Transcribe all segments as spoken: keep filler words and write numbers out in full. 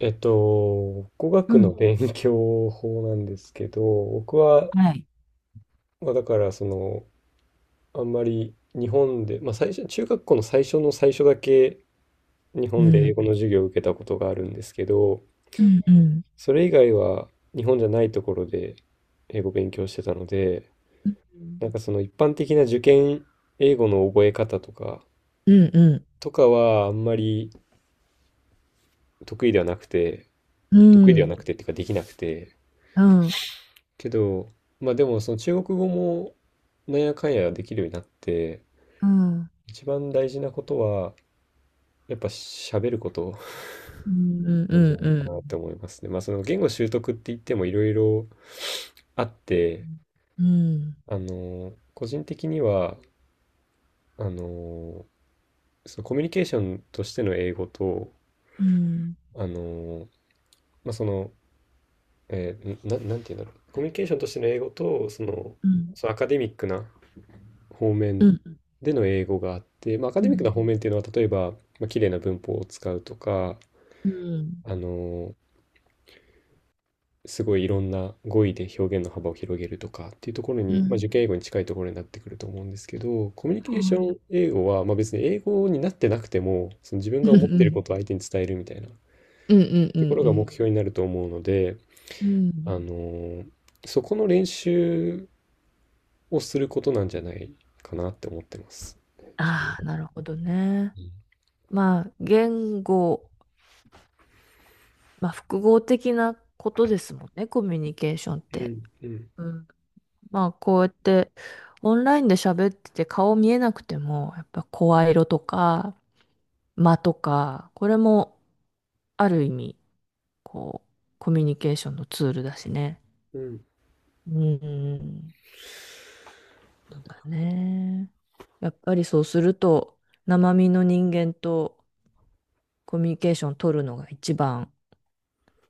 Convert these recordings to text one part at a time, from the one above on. えっと、語う学のん。勉強法なんですけど、僕は、はい。まあ、だからその、あんまり日本で、まあ、最初、中学校の最初の最初だけ日う本で英ん、語の授業を受けたことがあるんですけど、うん、うん。それ以外は日本じゃないところで英語勉強してたので、うん。なんかその一般的な受験英語の覚え方とか、うんうん。とかはあんまり得意ではなくて、う得意ではなくん。てっていうかできなくて、うん。けど、まあでもその中国語もなんやかんやできるようになって、うん。一番大事なことは、やっぱ喋ることうんなんじゃないかうなっん。て思いますね。まあその言語習得って言ってもいろいろあって、うんあの、個人的には、あの、そのコミュニケーションとしての英語と、うんあの、まあその、えーな、なんていうんだろう。コミュニケーションとしての英語と、その、うん。そのアカデミックな方う面ん。うん。うん。での英語があって、まあ、アカうデミックなん。方面っていうのは例えば、まあ綺麗な文法を使うとか、うん。あのすごいいろんな語彙で表現の幅を広げるとかっていうところうに、まあ、ん。受験英語に近いところになってくると思うんですけど、コミュニケはーション英語は、まあ、別に英語になってなくても、その自分うがんう思っているこんとを相手に伝えるみたいなとうんうころがん目標になると思うので、うん。うん。あのそこの練習をすることなんじゃないかなって思ってます。自分あは。あ、なるほどね。うまあ、言語、まあ、複合的なことですもんね、コミュニケーションっん、うて。ん、うん。うん。まあ、こうやって、オンラインで喋ってて顔見えなくても、やっぱ声色とか、間とか、これもある意味、こう、コミュニケーションのツールだしね。うん、うん。だね。やっぱりそうすると、生身の人間とコミュニケーション取るのが一番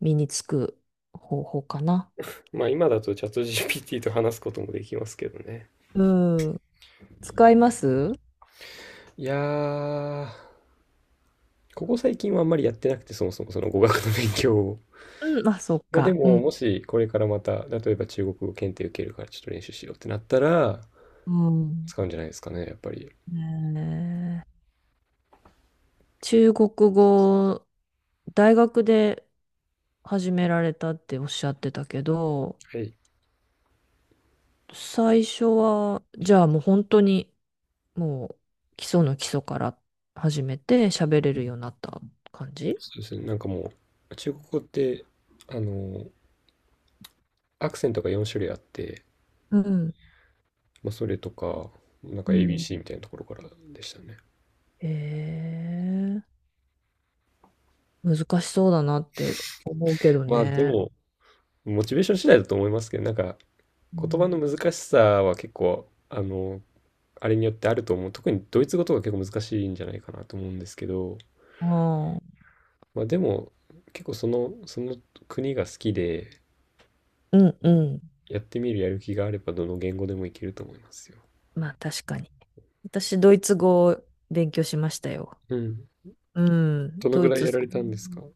身につく方法かな。まあ今だとチャット ジーピーティー と話すこともできますけどね。うん。使います？いやー、ここ最近はあんまりやってなくて、そもそもその語学の勉強を。うん、あ、そっまあでか。うも、ん。もしこれからまた、例えば中国語検定受けるからちょっと練習しようってなったら、うん。使うんじゃないですかね、やっぱり。ねえ、中国語、大学で始められたっておっしゃってたけど、はい。最初は、じゃあもう本当に、もう基礎の基礎から始めて喋れるようになった感じ？そうですね。なんかもう、中国語って、あの、アクセントがよん種類あって、うん、まあそれとか、なんうか ん。エービーシー みたいなところからでしたね。へえ、難しそうだなって思うけどまあでね。も、モチベーション次第だと思いますけど、なんかう言葉のん、難しさは結構、あの、あれによってあると思う。特にドイツ語とか結構難しいんじゃないかなと思うんですけど、ああ、まあでも、結構その、その国が好きで、うんうん。やってみるやる気があればどの言語でもいけると思いますよ。まあ確かに。私、ドイツ語を勉強しましたよ。うん。うん、どのドぐイらいツやさられたんですか？んう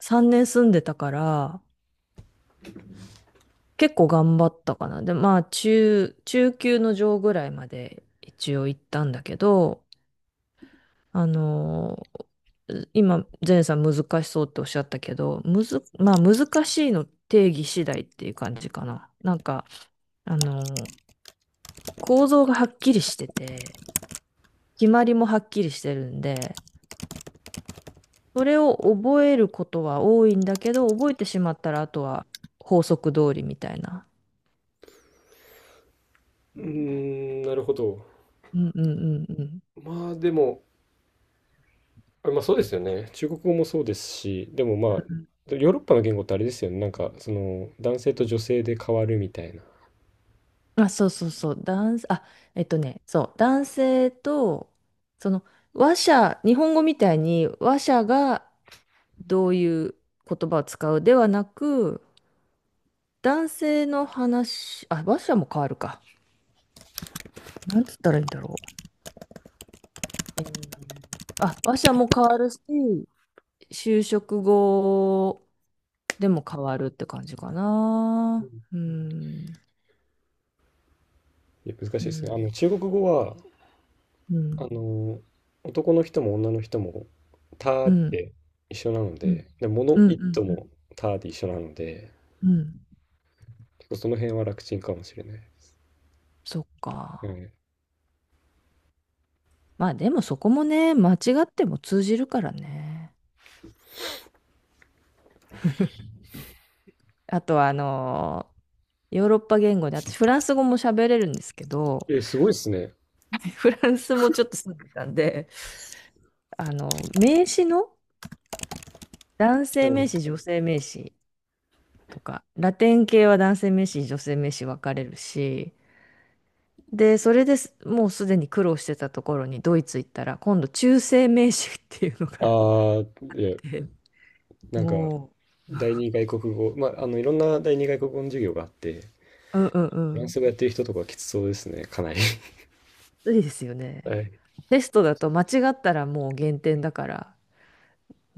さんねん住んでたから、結構頑張ったかな。で、まあ、中、中級の上ぐらいまで一応行ったんだけど、あのー今、ゼンさん難しそうっておっしゃったけど、むず、まあ、難しいの定義次第っていう感じかな。なんか、あのー構造がはっきりしてて、決まりもはっきりしてるんで、それを覚えることは多いんだけど、覚えてしまったら、あとは法則通りみたいな。ーん、なるほど。うんうんうんうん。まあでも、あまあそうですよね。中国語もそうですし、でもまうんうん、あ、ヨーロッパの言語ってあれですよね。なんか、その、男性と女性で変わるみたいな。あ、そうそうそう、男、あ、えっとね、そう、男性と、その、話者、日本語みたいに話者がどういう言葉を使うではなく、男性の話、あ、話者も変わるか。なんつったらいいんだろう。えーあ、話者も変わるし、就職後でも変わるって感じかうな。ん、うん、いや難しういですね。あん、の、中国語は、うあん、の、男の人も女の人も、たうーっん、て一緒なのうん、で、で、物うん、う一とん、うん、もたーって一緒なので、うん、結構その辺は楽ちんかもしれないでそっすか。ね。まあでもそこもね、間違っても通じるからね。あとはあのーヨーロッパ言語で、私フランス語も喋れるんですけど、ええ、すごいですね。フランスもちょっと住んでたんで、あの、名詞の男性は名い。詞、女性名詞とか、ラテン系は男性名詞、女性名詞分かれるし、で、それですもうすでに苦労してたところにドイツ行ったら、今度中性名詞っていうのがあああ、いや、って、なんか、も第二外国語、まあ、あの、いろんな第二外国語の授業があって、う、うんうんうフランん、ス語やってる人とかきつそうですね、かなり。ついですよね。はい。テストだと間違ったらもう減点だから、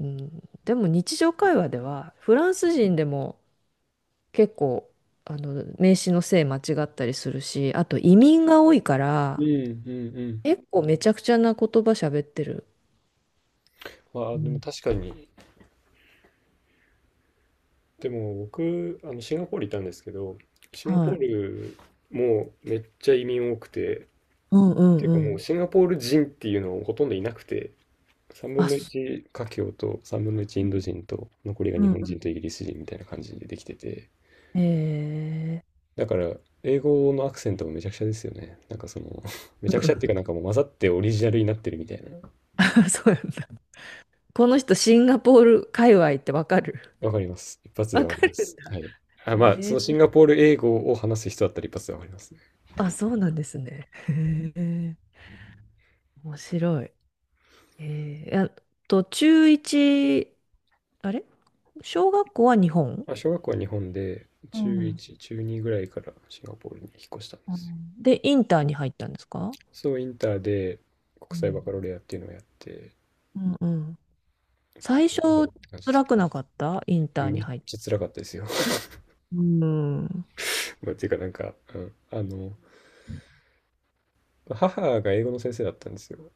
うん、でも日常会話ではフランス人でも結構あの名詞の性間違ったりするし、あと移民が多いかうらんうんうん。結構めちゃくちゃな言葉喋ってる。まうあでもん、確かに、でも僕、あのシンガポールいたんですけど、シンガポはーい。ルもめっちゃ移民多くて、うんうんていううかもうん。シンガポール人っていうのほとんどいなくて、3あ、分のそいち華僑とさんぶんのいちイう、ンんド人と、残りがう日ん本う人とん。イギリス人みたいな感じでできてて、えだから英語のアクセントもめちゃくちゃですよね。なんかその めー、ちゃくうちゃっていうかん、 なんかもう混ざってオリジナルになってるみたいな。そうなんだ。この人シンガポール界隈ってわかる？わかります。一発でわわかかりまるんす。だ。はい。あ、えまあ、そのー、シンガポール英語を話す人だったら一発でわかりますね。あ、そうなんですね。へえ、面白い。えー、あと、中一、あれ、小学校は日本、まあ、小学校は日本で、う中ん、いち、中にぐらいからシンガポールに引っ越したんでうすよ。ん、で、インターに入ったんですか？そう、インターでう国際バカん。ロレアっていうのをやって、うんうん。最初、頑張るって感じです辛ね。くなかった？インターにめっ入っちゃた。辛かったですよ。うん、 まあ、っていうかなんか、うん、あの、母が英語の先生だったんですよ。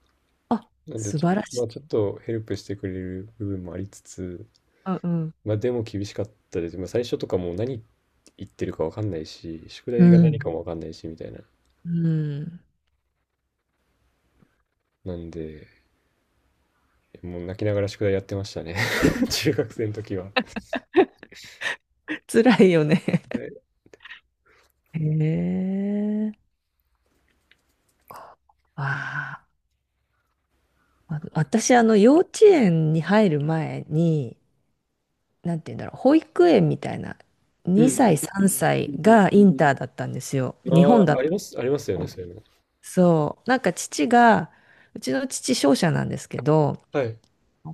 あ、なんで素ちょっ晴らと、しまあ、ちょっい。とヘルプしてくれる部分もありつつ、うんまあでも厳しかったです。まあ最初とかもう何言ってるかわかんないし、宿う題が何ん。かもわかんないしみたいな。うん。うん。なんで、もう泣きながら宿題やってましたね。中学生の時は。辛いよね。はい。へえ。ああ。あの、私、あの、幼稚園に入る前に、なんて言うんだろう、保育園みたいな、うんうにさい、んさんさいうんうがインターだったんですよ。ん。日あ本だあ、っありた。ます、ありますよね、そういうの。そう。なんか父が、うちの父商社なんですけど、はい、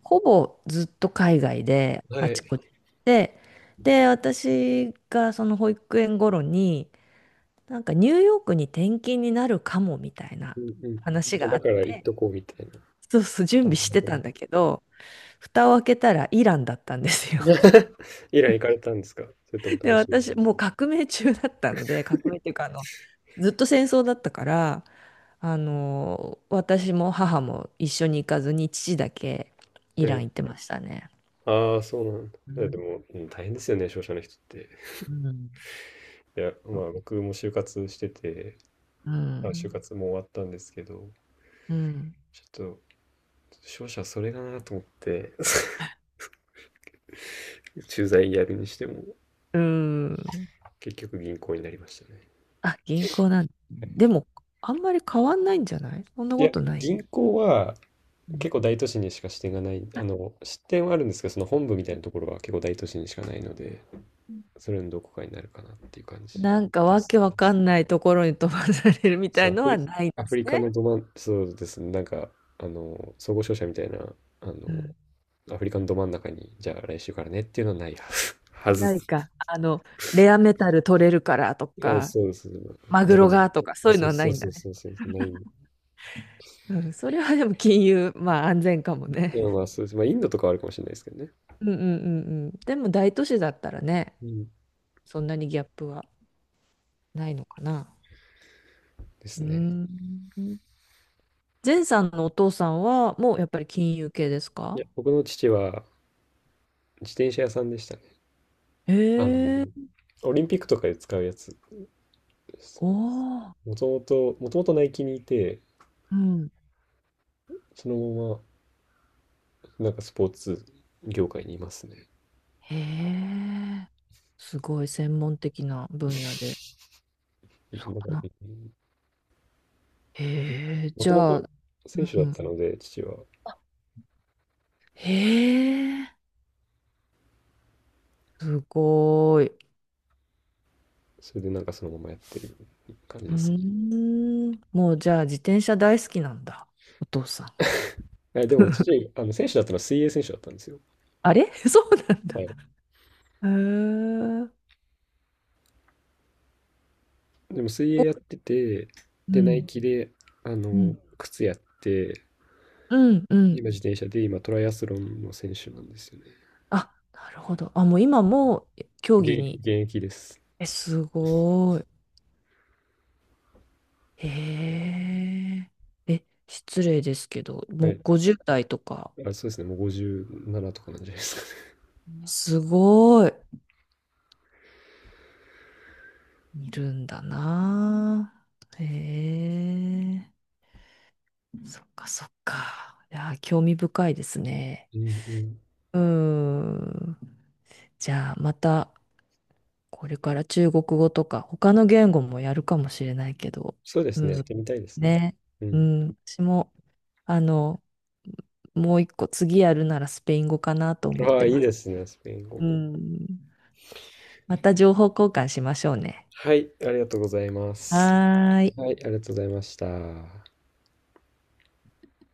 ほぼずっと海外で、はあちい。こちで、で、私がその保育園頃に、なんかニューヨークに転勤になるかもみたいなうんう話ん。があだっから言って、とこうみたいな。そうそう、準備してたんだけど、蓋を開けたらイランだったんですよ。イラン行かれたんですか？それとも単で、身で。私、もう革命中だったので、革命っていうか、あの、ずっと戦争だったから、あの、私も母も一緒に行かずに、父だけイえランえ。行ってましたね。ああ、そうなんだ。いや、でも、うん、大変ですよね、商社の人って。うん。いや、そまう、あ、僕も就活してて、うあ、就ん。活も終わったんですけど、うん。ちょっと、商社それだなと思って、駐在やるにしても、うん。結局銀行になりましたね。あ、銀行なんだ、はい。でも、あんまり変わんないんじゃない？そんないこや、とない？銀行はうん、結構大都市にしか支店がない、あの、支店はあるんですけど、その本部みたいなところは結構大都市にしかないので、それのどこかになるかなっていう感じなんかでわすけね。わかんないところに飛ばされるみたそいう、アのフはリ、ないでアフすリカね。のど真ん、そうですね、なんか、あの、総合商社みたいな、あうの、ん。アフリカのど真ん中に、じゃあ来週からねっていうのはないはなず。い か。あの、レアメタル取れるからとはずあ、か、そうです。マいグやでロも、がとか、まそあういうそのうはなそういんだそうね。そうそう、ない。いうん、それはでも金融、まあ安全かもや、ね。ま あそうです。まあ、インドとかはあるかもしれないですけどね。うんうんうんうん。でも大都市だったらね、うん。そんなにギャップはないのかな。ですうね。ーん。前さんのお父さんはもうやっぱり金融系ですか？いや、僕の父は自転車屋さんでしたね。あの、へえ、オリンピックとかで使うやつです。おお、もともと、もともとナイキにいて、うん。そのまま、なんかスポーツ業界にいますね。へえ、すごい専門的な分野で。そなうんか、かな。へえ、もじともゃとあ、選手うだっん。たので、父は。へえ、すごい。それでなんかそのままやってる感じうーですね。ん。もうじゃあ自転車大好きなんだ。お父さん。え、でも父、あの選手だったのは水泳選手だったんですよ。あれ、 そうなんだ。はい。へえ。でも水お、泳やってて、うで、ナイん、キで、あうん、の、靴やって、うん、うん。今自転車で、今トライアスロンの選手なんですよね。あ、なるほど。あ、もう今も競技現、に。現役です。え、すごい。へえ。え、失礼ですけど、はもうい。ごじゅうだい代とか、あ、そうですね。もうごじゅうななとかなんじゃないですかね。すごい。いるんだな。へえ。そっかそっか。いや、興味深いですね。うんうん。うーん。じゃあまたこれから中国語とか他の言語もやるかもしれないけど、そうでうすね。やっん、てみたいですね。ね、ううん。ん、私もあのもう一個次やるならスペイン語かなと思っああ、ていいます。ですね。スペイン語うも。ん、また情報交換しましょうね。はい。ありがとうございます。はーい。はい、ありがとうございました。